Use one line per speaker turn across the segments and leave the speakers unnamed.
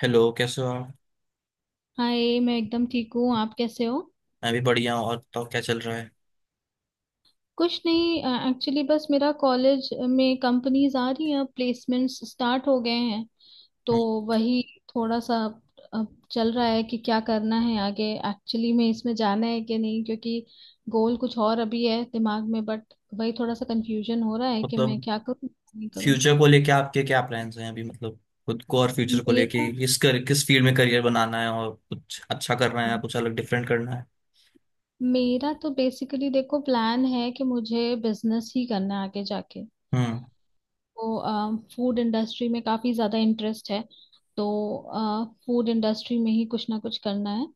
Hello, कैसे हो आप।
हाय, मैं एकदम ठीक हूँ। आप कैसे हो?
मैं भी बढ़िया हूँ। और बताओ, क्या चल रहा है।
कुछ नहीं। एक्चुअली बस मेरा कॉलेज में कंपनीज आ रही हैं, प्लेसमेंट्स स्टार्ट हो गए हैं। तो
हम्म।
वही थोड़ा सा अ, चल रहा है कि क्या करना है आगे। एक्चुअली में इसमें जाना है कि नहीं, क्योंकि गोल कुछ और अभी है दिमाग में। बट वही थोड़ा सा कंफ्यूजन हो रहा है कि मैं
मतलब
क्या करूँ क्या नहीं करूँ।
फ्यूचर को लेके आपके क्या प्लान्स हैं अभी। मतलब खुद को और फ्यूचर को
मेरा
लेके किस फील्ड में करियर बनाना है और कुछ अच्छा करना है,
तो,
कुछ अलग डिफरेंट करना है।
मेरा तो बेसिकली देखो प्लान है कि मुझे बिजनेस ही करना है आगे जाके।
हम्म।
को फूड इंडस्ट्री में काफ़ी ज़्यादा इंटरेस्ट है, तो फूड इंडस्ट्री में ही कुछ ना कुछ करना है।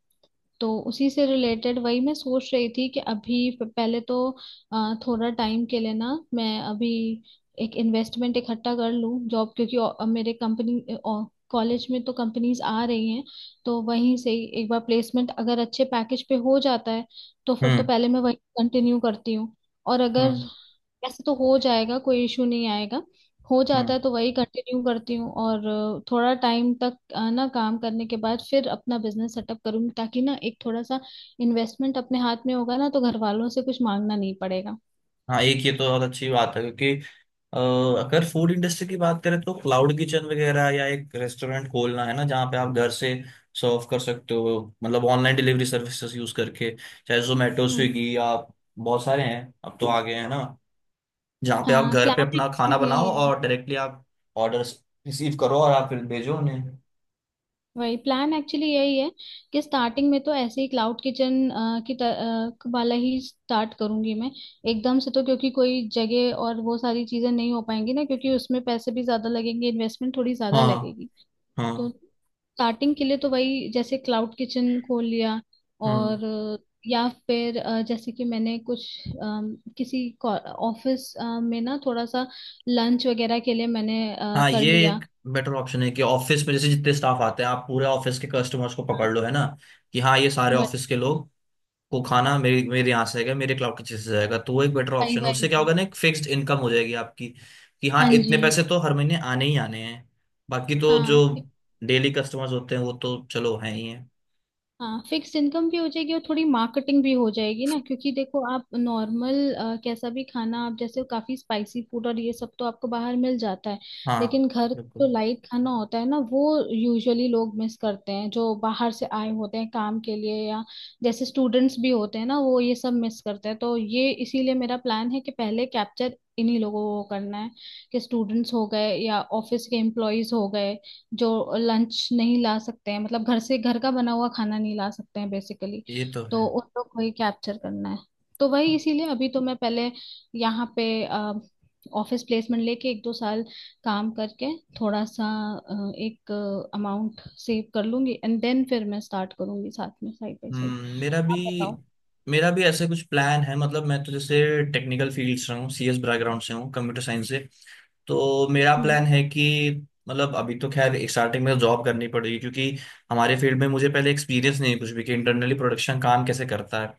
तो उसी से रिलेटेड वही मैं सोच रही थी कि अभी पहले तो थोड़ा टाइम के लिए ना मैं अभी एक इन्वेस्टमेंट इकट्ठा कर लूँ। जॉब, क्योंकि मेरे कंपनी कॉलेज में तो कंपनीज आ रही हैं। तो वहीं से ही एक बार प्लेसमेंट अगर अच्छे पैकेज पे हो जाता है, तो फिर तो
हम्म।
पहले मैं वही कंटिन्यू करती हूँ। और अगर
हम्म।
ऐसे तो हो जाएगा कोई इशू नहीं आएगा, हो जाता
हम्म।
है तो वही कंटिन्यू करती हूँ। और थोड़ा टाइम तक ना काम करने के बाद फिर अपना बिजनेस सेटअप करूंगी, ताकि ना एक थोड़ा सा इन्वेस्टमेंट अपने हाथ में होगा ना, तो घर वालों से कुछ मांगना नहीं पड़ेगा।
हाँ, एक ये तो बहुत अच्छी बात है, क्योंकि अगर फूड इंडस्ट्री की बात करें तो क्लाउड किचन वगैरह या एक रेस्टोरेंट खोलना है ना, जहाँ पे आप घर से सर्व कर सकते हो। मतलब ऑनलाइन डिलीवरी सर्विसेज यूज करके, चाहे जोमेटो,
हम्म,
स्विगी, आप बहुत सारे हैं अब तो आ गए हैं ना, जहाँ पे आप
हाँ
घर पे
प्लान
अपना खाना
एक्चुअली यही
बनाओ
है।
और डायरेक्टली आप ऑर्डर रिसीव करो और आप फिर भेजो उन्हें।
वही प्लान एक्चुअली यही है कि स्टार्टिंग में तो ऐसे ही क्लाउड किचन वाला ही स्टार्ट करूंगी मैं। एकदम से तो क्योंकि कोई जगह और वो सारी चीजें नहीं हो पाएंगी ना, क्योंकि उसमें पैसे भी ज्यादा लगेंगे, इन्वेस्टमेंट थोड़ी ज्यादा
हाँ।
लगेगी। तो
हाँ।
स्टार्टिंग के लिए तो वही जैसे क्लाउड किचन खोल लिया।
हम्म।
और या फिर जैसे कि मैंने कुछ किसी ऑफिस में ना थोड़ा सा लंच वगैरह के लिए मैंने
हाँ,
कर
ये
लिया।
एक बेटर ऑप्शन है कि ऑफिस में जैसे जितने स्टाफ आते हैं आप पूरे ऑफिस के कस्टमर्स को
हाँ,
पकड़ लो है ना। कि हाँ ये सारे
वही
ऑफिस के लोग को खाना मेरे मेरे यहाँ से आएगा, मेरे क्लाउड किचन से जाएगा, तो वो एक बेटर
वही
ऑप्शन है।
वही
उससे क्या
वही।
होगा ना, एक फिक्स्ड इनकम हो जाएगी आपकी। कि
हाँ
हाँ
जी।
इतने पैसे तो हर महीने आने ही आने हैं। बाकी तो जो
हाँ।
डेली कस्टमर्स होते हैं वो तो चलो हैं ही हैं।
हाँ फिक्स इनकम भी हो जाएगी और थोड़ी मार्केटिंग भी हो जाएगी ना, क्योंकि देखो आप नॉर्मल कैसा भी खाना आप जैसे काफी स्पाइसी फूड और ये सब तो आपको बाहर मिल जाता है,
हाँ।
लेकिन घर जो
बिल्कुल।
लाइट खाना होता है ना, वो यूजुअली लोग मिस करते हैं जो बाहर से आए होते हैं काम के लिए, या जैसे स्टूडेंट्स भी होते हैं ना, वो ये सब मिस करते हैं। तो ये इसीलिए मेरा प्लान है कि पहले कैप्चर इन्हीं लोगों को करना है, कि स्टूडेंट्स हो गए या ऑफिस के एम्प्लॉयज हो गए जो लंच नहीं ला सकते हैं, मतलब घर से घर का बना हुआ खाना नहीं ला सकते हैं बेसिकली।
ये तो
तो
है।
उन लोग को ही कैप्चर करना है। तो वही इसीलिए अभी तो मैं पहले यहाँ पे ऑफिस प्लेसमेंट लेके 1-2 साल काम करके थोड़ा सा एक अमाउंट सेव कर लूंगी एंड देन फिर मैं स्टार्ट करूंगी साथ में साइड बाय साइड।
हम्म, मेरा भी
आप बताओ।
मेरा भी ऐसे कुछ प्लान है। मतलब मैं तो जैसे टेक्निकल फील्ड से हूँ, सीएस बैकग्राउंड से हूँ, कंप्यूटर साइंस से। तो मेरा
हम्म
प्लान है कि मतलब अभी तो खैर स्टार्टिंग में जॉब करनी पड़ेगी, क्योंकि हमारे फील्ड में मुझे पहले एक्सपीरियंस नहीं है कुछ भी कि इंटरनली प्रोडक्शन काम कैसे करता है।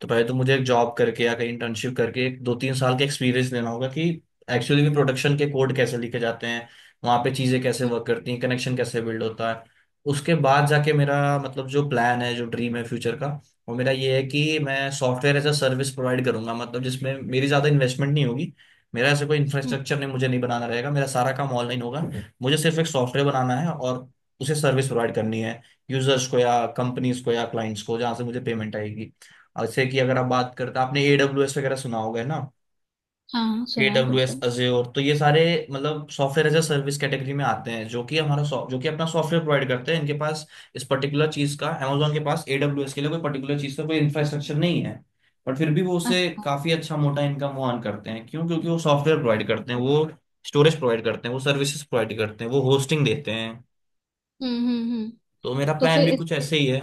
तो पहले तो मुझे एक जॉब करके या कहीं इंटर्नशिप करके एक दो तीन साल का एक्सपीरियंस लेना होगा कि एक्चुअली में प्रोडक्शन के कोड कैसे लिखे जाते हैं, वहाँ पे चीज़ें कैसे
हम्म
वर्क करती हैं, कनेक्शन कैसे बिल्ड होता है। उसके बाद जाके मेरा मतलब जो प्लान है, जो ड्रीम है फ्यूचर का, वो मेरा ये है कि मैं software as a service provide करूंगा। मतलब जिसमें मेरी ज़्यादा इन्वेस्टमेंट नहीं होगी, मेरा ऐसे कोई
हम्म।
इंफ्रास्ट्रक्चर नहीं मुझे नहीं बनाना रहेगा, मेरा सारा काम ऑनलाइन होगा। मुझे सिर्फ एक सॉफ्टवेयर बनाना है और उसे सर्विस प्रोवाइड करनी है यूजर्स को या कंपनीज को या क्लाइंट्स को, जहाँ से मुझे पेमेंट आएगी। और जैसे कि अगर आप बात करते आपने एडब्ल्यूएस वगैरह सुना होगा है ना,
हाँ हाँ सुना है
AWS
बिल्कुल।
Azure, तो ये सारे मतलब software as a service category में आते हैं जो कि हमारा जो कि अपना सॉफ्टवेयर प्रोवाइड करते हैं। इनके पास इस पर्टिकुलर चीज का, Amazon के पास AWS के लिए कोई पर्टिकुलर चीज का कोई इंफ्रास्ट्रक्चर नहीं है। बट फिर भी वो उससे
अच्छा।
काफी अच्छा मोटा इनकम वो अर्न करते हैं। क्यों? क्योंकि वो सॉफ्टवेयर प्रोवाइड करते हैं, वो स्टोरेज प्रोवाइड करते हैं, वो सर्विसेज प्रोवाइड करते हैं, वो होस्टिंग देते हैं।
हम्म।
तो मेरा
तो
प्लान
फिर
भी कुछ
इस।
ऐसे ही है।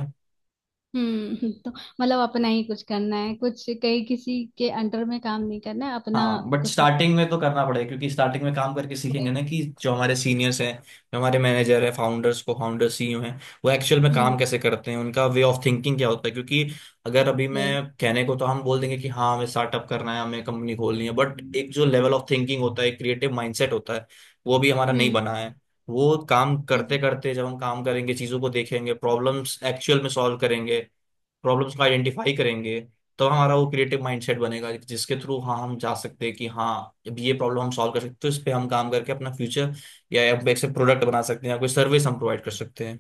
हम्म, तो मतलब अपना ही कुछ करना है, कुछ कहीं किसी के अंडर में काम नहीं करना है। अपना
हाँ बट
कुछ ना।
स्टार्टिंग में तो करना पड़ेगा, क्योंकि स्टार्टिंग में काम करके सीखेंगे ना कि जो हमारे सीनियर्स हैं, जो हमारे मैनेजर हैं, फाउंडर्स को फाउंडर सीईओ हैं, वो एक्चुअल में काम
हम्म।
कैसे करते हैं, उनका वे ऑफ थिंकिंग क्या होता है। क्योंकि अगर अभी
वही।
मैं कहने को तो हम बोल देंगे कि हाँ हमें स्टार्टअप करना है, हमें कंपनी खोलनी है, बट एक जो लेवल ऑफ थिंकिंग होता है, क्रिएटिव माइंडसेट होता है, वो भी हमारा नहीं
हम्म।
बना है। वो काम करते
हम्म,
करते जब हम काम करेंगे, चीज़ों को देखेंगे, प्रॉब्लम्स एक्चुअल में सॉल्व करेंगे, प्रॉब्लम्स को आइडेंटिफाई करेंगे, तो हमारा वो क्रिएटिव माइंडसेट बनेगा, जिसके थ्रू हाँ हम जा सकते हैं कि हाँ अब ये प्रॉब्लम हम सॉल्व कर सकते हैं, तो इस पे हम काम करके अपना फ्यूचर या से प्रोडक्ट बना सकते हैं या कोई सर्विस हम प्रोवाइड कर सकते हैं।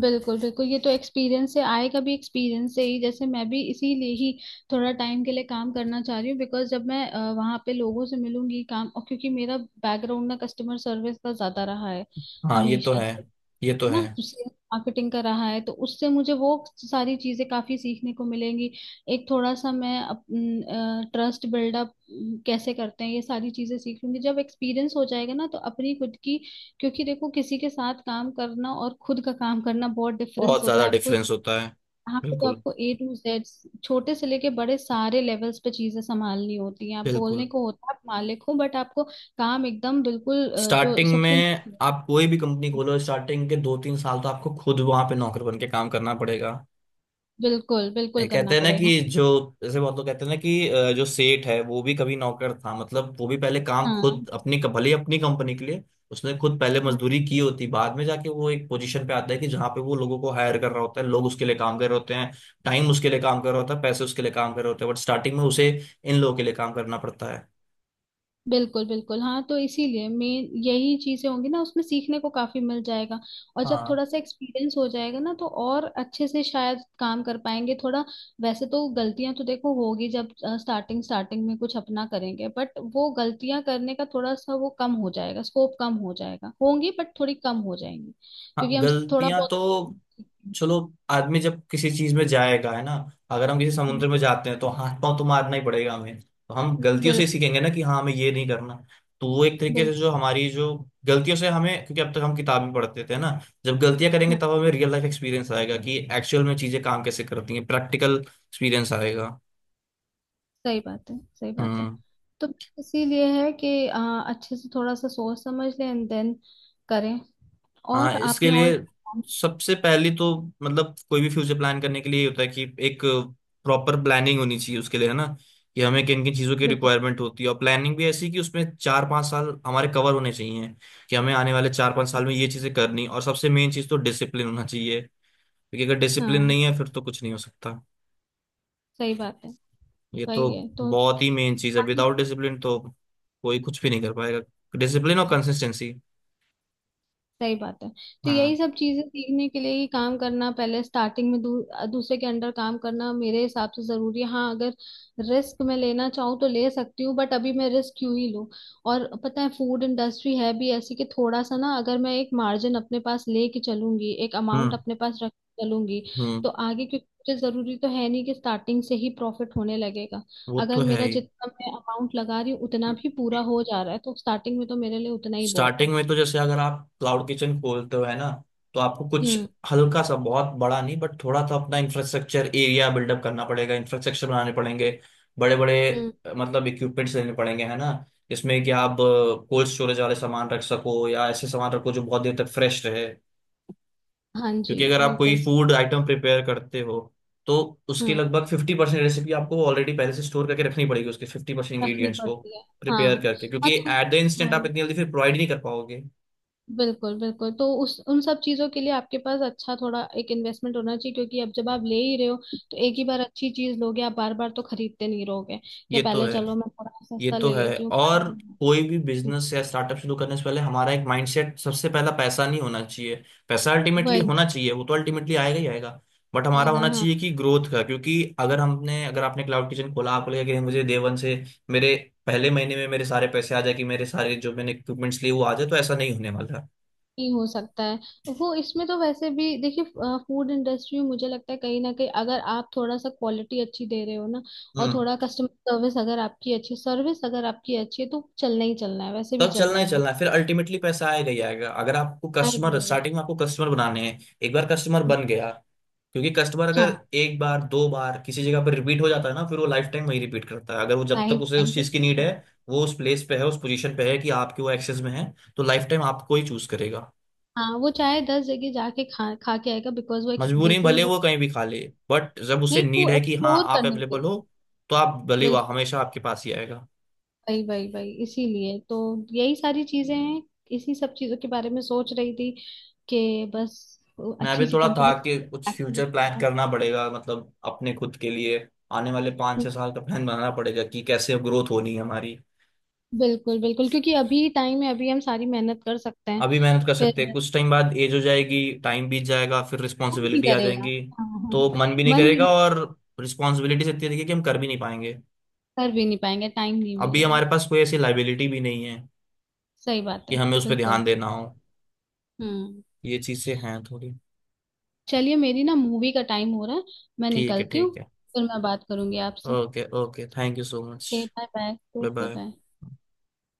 बिल्कुल बिल्कुल। ये तो एक्सपीरियंस से आएगा भी एक्सपीरियंस से ही। जैसे मैं भी इसीलिए ही थोड़ा टाइम के लिए काम करना चाह रही हूँ, बिकॉज जब मैं वहाँ पे लोगों से मिलूंगी काम, और क्योंकि मेरा बैकग्राउंड ना कस्टमर सर्विस का ज्यादा रहा है
हाँ। ये तो
हमेशा
है।
से,
ये तो है।
ना तो सेल्स मार्केटिंग का रहा है। तो उससे मुझे वो सारी चीजें काफी सीखने को मिलेंगी। एक थोड़ा सा मैं ट्रस्ट बिल्डअप कैसे करते हैं ये सारी चीजें सीख लूंगी, जब एक्सपीरियंस हो जाएगा ना तो अपनी खुद की, क्योंकि देखो किसी के साथ काम करना और खुद का काम करना बहुत डिफरेंस
बहुत
होता
ज़्यादा
है। आपको
डिफरेंस होता है।
यहाँ पे तो
बिल्कुल।
आपको A to Z छोटे से लेके बड़े सारे लेवल्स पे चीजें संभालनी होती हैं। आप बोलने
बिल्कुल।
को होता है आप मालिक हो, बट आपको काम एकदम बिल्कुल जो
स्टार्टिंग
सबसे।
में आप कोई भी कंपनी खोलो, स्टार्टिंग के दो तीन साल तो आपको खुद वहां पे नौकर बन के काम करना पड़ेगा।
बिल्कुल
ये
बिल्कुल
कहते
करना
हैं ना
पड़ेगा।
कि जो जैसे बहुत लोग कहते हैं ना कि जो सेठ है वो भी कभी नौकर था। मतलब वो भी पहले काम
हाँ।
खुद अपनी भले ही अपनी कंपनी के लिए उसने खुद पहले
हम्म,
मजदूरी की होती, बाद में जाके वो एक पोजीशन पे आता है कि जहाँ पे वो लोगों को हायर कर रहा होता है, लोग उसके लिए काम कर रहे होते हैं, टाइम उसके लिए काम कर रहा होता है, पैसे उसके लिए काम कर रहे होते हैं, बट स्टार्टिंग में उसे इन लोगों के लिए काम करना पड़ता है।
बिल्कुल बिल्कुल। हाँ तो इसीलिए मेन यही चीजें होंगी ना उसमें सीखने को काफी मिल जाएगा। और जब
हाँ।
थोड़ा सा एक्सपीरियंस हो जाएगा ना, तो और अच्छे से शायद काम कर पाएंगे थोड़ा। वैसे तो गलतियां तो देखो होगी जब स्टार्टिंग स्टार्टिंग में कुछ अपना करेंगे, बट वो गलतियां करने का थोड़ा सा वो कम हो जाएगा, स्कोप कम हो जाएगा, होंगी बट थोड़ी कम हो जाएंगी
हाँ
क्योंकि हम थोड़ा
गलतियां तो
बहुत।
चलो आदमी जब किसी चीज में जाएगा है ना, अगर हम किसी
हम्म।
समुद्र में जाते हैं तो हाथ पांव तो मारना ही पड़ेगा हमें, तो हम गलतियों से ही
बिल्कुल
सीखेंगे ना कि हाँ हमें ये नहीं करना। तो वो एक तरीके से
बिल्कुल।
जो हमारी जो गलतियों से हमें, क्योंकि अब तक हम किताब में पढ़ते थे ना, जब गलतियां करेंगे तब हमें रियल लाइफ एक्सपीरियंस आएगा कि एक्चुअल में चीजें काम कैसे करती हैं, प्रैक्टिकल एक्सपीरियंस आएगा।
सही बात है, सही बात है।
हम्म।
तो इसीलिए है कि अच्छे से थोड़ा सा सोच समझ लें एंड देन करें।
हाँ,
और
इसके
आपने और।
लिए सबसे पहली तो मतलब कोई भी फ्यूचर प्लान करने के लिए ये होता है कि एक प्रॉपर प्लानिंग होनी चाहिए उसके लिए है ना, कि हमें किन किन चीज़ों की
बिल्कुल।
रिक्वायरमेंट होती है और प्लानिंग भी ऐसी कि उसमें चार पाँच साल हमारे कवर होने चाहिए कि हमें आने वाले चार पाँच साल में ये चीज़ें करनी, और सबसे मेन चीज़ तो डिसिप्लिन होना चाहिए क्योंकि अगर डिसिप्लिन नहीं
हाँ
है फिर तो कुछ नहीं हो सकता।
सही बात है।
ये तो
वही है तो।
बहुत ही मेन चीज़ है। विदाउट डिसिप्लिन तो कोई कुछ भी नहीं कर पाएगा। डिसिप्लिन और कंसिस्टेंसी।
सही बात है। तो यही
हाँ।
सब चीजें सीखने के लिए ही काम करना पहले स्टार्टिंग में दूसरे के अंडर काम करना मेरे हिसाब से जरूरी है। हाँ अगर रिस्क मैं लेना चाहूँ तो ले सकती हूँ, बट अभी मैं रिस्क क्यों ही लूँ। और पता है फूड इंडस्ट्री है भी ऐसी कि थोड़ा सा ना, अगर मैं एक मार्जिन अपने पास लेके चलूंगी, एक अमाउंट
हम्म।
अपने पास रख के चलूंगी,
हम्म।
तो आगे क्योंकि मुझे जरूरी तो है नहीं कि स्टार्टिंग से ही प्रॉफिट होने लगेगा।
वो तो
अगर
है
मेरा
ही।
जितना मैं अमाउंट लगा रही हूँ उतना भी पूरा हो जा रहा है, तो स्टार्टिंग में तो मेरे लिए उतना ही बहुत है।
स्टार्टिंग में तो जैसे अगर आप क्लाउड किचन खोलते हो है ना, तो आपको कुछ
हम्म।
हल्का सा, बहुत बड़ा नहीं बट थोड़ा सा अपना इंफ्रास्ट्रक्चर एरिया बिल्डअप करना पड़ेगा, इंफ्रास्ट्रक्चर बनाने पड़ेंगे बड़े बड़े,
हम्म।
मतलब इक्विपमेंट्स लेने पड़ेंगे है ना, जिसमें कि आप कोल्ड स्टोरेज वाले सामान रख सको या ऐसे सामान रखो जो बहुत देर तक फ्रेश रहे,
हाँ जी।
क्योंकि अगर आप कोई
बिल्कुल।
फूड आइटम प्रिपेयर करते हो तो उसकी
हम्म।
लगभग 50% रेसिपी आपको ऑलरेडी पहले से स्टोर करके रखनी पड़ेगी, उसके 50%
रखनी
इंग्रीडियंट्स को
पड़ती है। हाँ।
प्रिपेयर करके,
हाँ
क्योंकि
तो
एट द इंस्टेंट आप
वही।
इतनी जल्दी फिर प्रोवाइड नहीं कर पाओगे।
बिल्कुल बिल्कुल, तो उस उन सब चीजों के लिए आपके पास अच्छा थोड़ा एक इन्वेस्टमेंट होना चाहिए। क्योंकि अब जब आप ले ही रहे हो, तो एक ही बार अच्छी चीज लोगे, आप बार बार तो खरीदते नहीं रहोगे कि
ये तो
पहले
है।
चलो मैं थोड़ा
ये
सस्ता
तो
ले
है।
लेती हूँ बाद
और
में।
कोई भी
हम्म,
बिजनेस या स्टार्टअप शुरू करने से पहले हमारा एक माइंडसेट सबसे पहला पैसा नहीं होना चाहिए। पैसा अल्टीमेटली
वही।
होना चाहिए, वो तो अल्टीमेटली आएगा ही आएगा, बट हमारा
आएगा
होना
हाँ।
चाहिए कि ग्रोथ का। क्योंकि अगर आपने क्लाउड किचन खोला आपको लगेगा कि मुझे डे वन से मेरे पहले महीने में मेरे सारे पैसे आ जाए कि मेरे सारे जो मैंने इक्विपमेंट्स लिए वो आ जाए, तो ऐसा नहीं होने वाला है।
ही हो सकता है वो इसमें तो। वैसे भी देखिए फूड इंडस्ट्री में मुझे लगता है कहीं ना कहीं अगर आप थोड़ा सा क्वालिटी अच्छी दे रहे हो ना, और
हम्म।
थोड़ा कस्टमर सर्विस अगर आपकी अच्छी, सर्विस अगर आपकी अच्छी है, तो चलना ही चलना है, वैसे भी
तब चलना
चलना
ही
ही है।
चलना है। फिर अल्टीमेटली पैसा आएगा ही आएगा। अगर आपको
आई
कस्टमर
एग्री।
स्टार्टिंग में आपको कस्टमर बनाने हैं, एक बार कस्टमर बन गया, क्योंकि कस्टमर
हाँ।
अगर एक बार दो बार किसी जगह पर रिपीट हो जाता है ना, फिर वो लाइफ टाइम वही रिपीट करता है, अगर वो, जब
आई
तक उसे उस
थैंक यू।
चीज की नीड है,
हाँ।
वो उस प्लेस पे है, उस पोजीशन पे है कि आपके वो एक्सेस में है, तो लाइफ टाइम आपको ही चूज करेगा।
हाँ, वो चाहे 10 जगह जाके खा खा के आएगा, बिकॉज वो
मजबूरी में
बिल्कुल
भले वो
वो।
कहीं भी खा ले, बट जब उसे
नहीं, वो
नीड है कि हाँ
एक्सप्लोर
आप
करने के
अवेलेबल हो,
लिए।
तो आप भले वह
बिल्कुल।
हमेशा आपके पास ही आएगा।
वही वही वही इसीलिए तो यही सारी चीजें हैं, इसी सब चीजों के बारे में सोच रही थी कि बस
मैं भी
अच्छी सी
थोड़ा
कंपनी
था कि कुछ
एक्टिव
फ्यूचर प्लान
हो।
करना पड़ेगा, मतलब अपने खुद के लिए आने वाले पाँच छह साल का प्लान बनाना पड़ेगा कि कैसे अब ग्रोथ होनी है हमारी।
बिल्कुल बिल्कुल, क्योंकि अभी टाइम है अभी हम सारी मेहनत कर सकते हैं।
अभी मेहनत कर सकते हैं,
फिर
कुछ टाइम बाद एज हो जाएगी, टाइम बीत जाएगा, फिर
मन नहीं
रिस्पॉन्सिबिलिटी आ
करेगा
जाएंगी
हाँ, हाँ,
तो
हाँ।
मन भी नहीं
मन भी
करेगा
नहीं।
और रिस्पॉन्सिबिलिटी से इतनी रहेगी कि हम कर भी नहीं पाएंगे।
कर भी नहीं पाएंगे, टाइम नहीं
अभी
मिलेगा।
हमारे पास कोई ऐसी लाइबिलिटी भी नहीं है
सही बात
कि
है।
हमें उस पर
बिल्कुल।
ध्यान देना हो।
हम्म।
ये चीज़ें हैं थोड़ी।
चलिए, मेरी ना मूवी का टाइम हो रहा है, मैं
ठीक है,
निकलती हूँ।
ठीक है।
फिर मैं बात करूंगी आपसे।
Okay, okay, thank you so much.
Okay bye bye.
Bye
okay
bye.
Bye.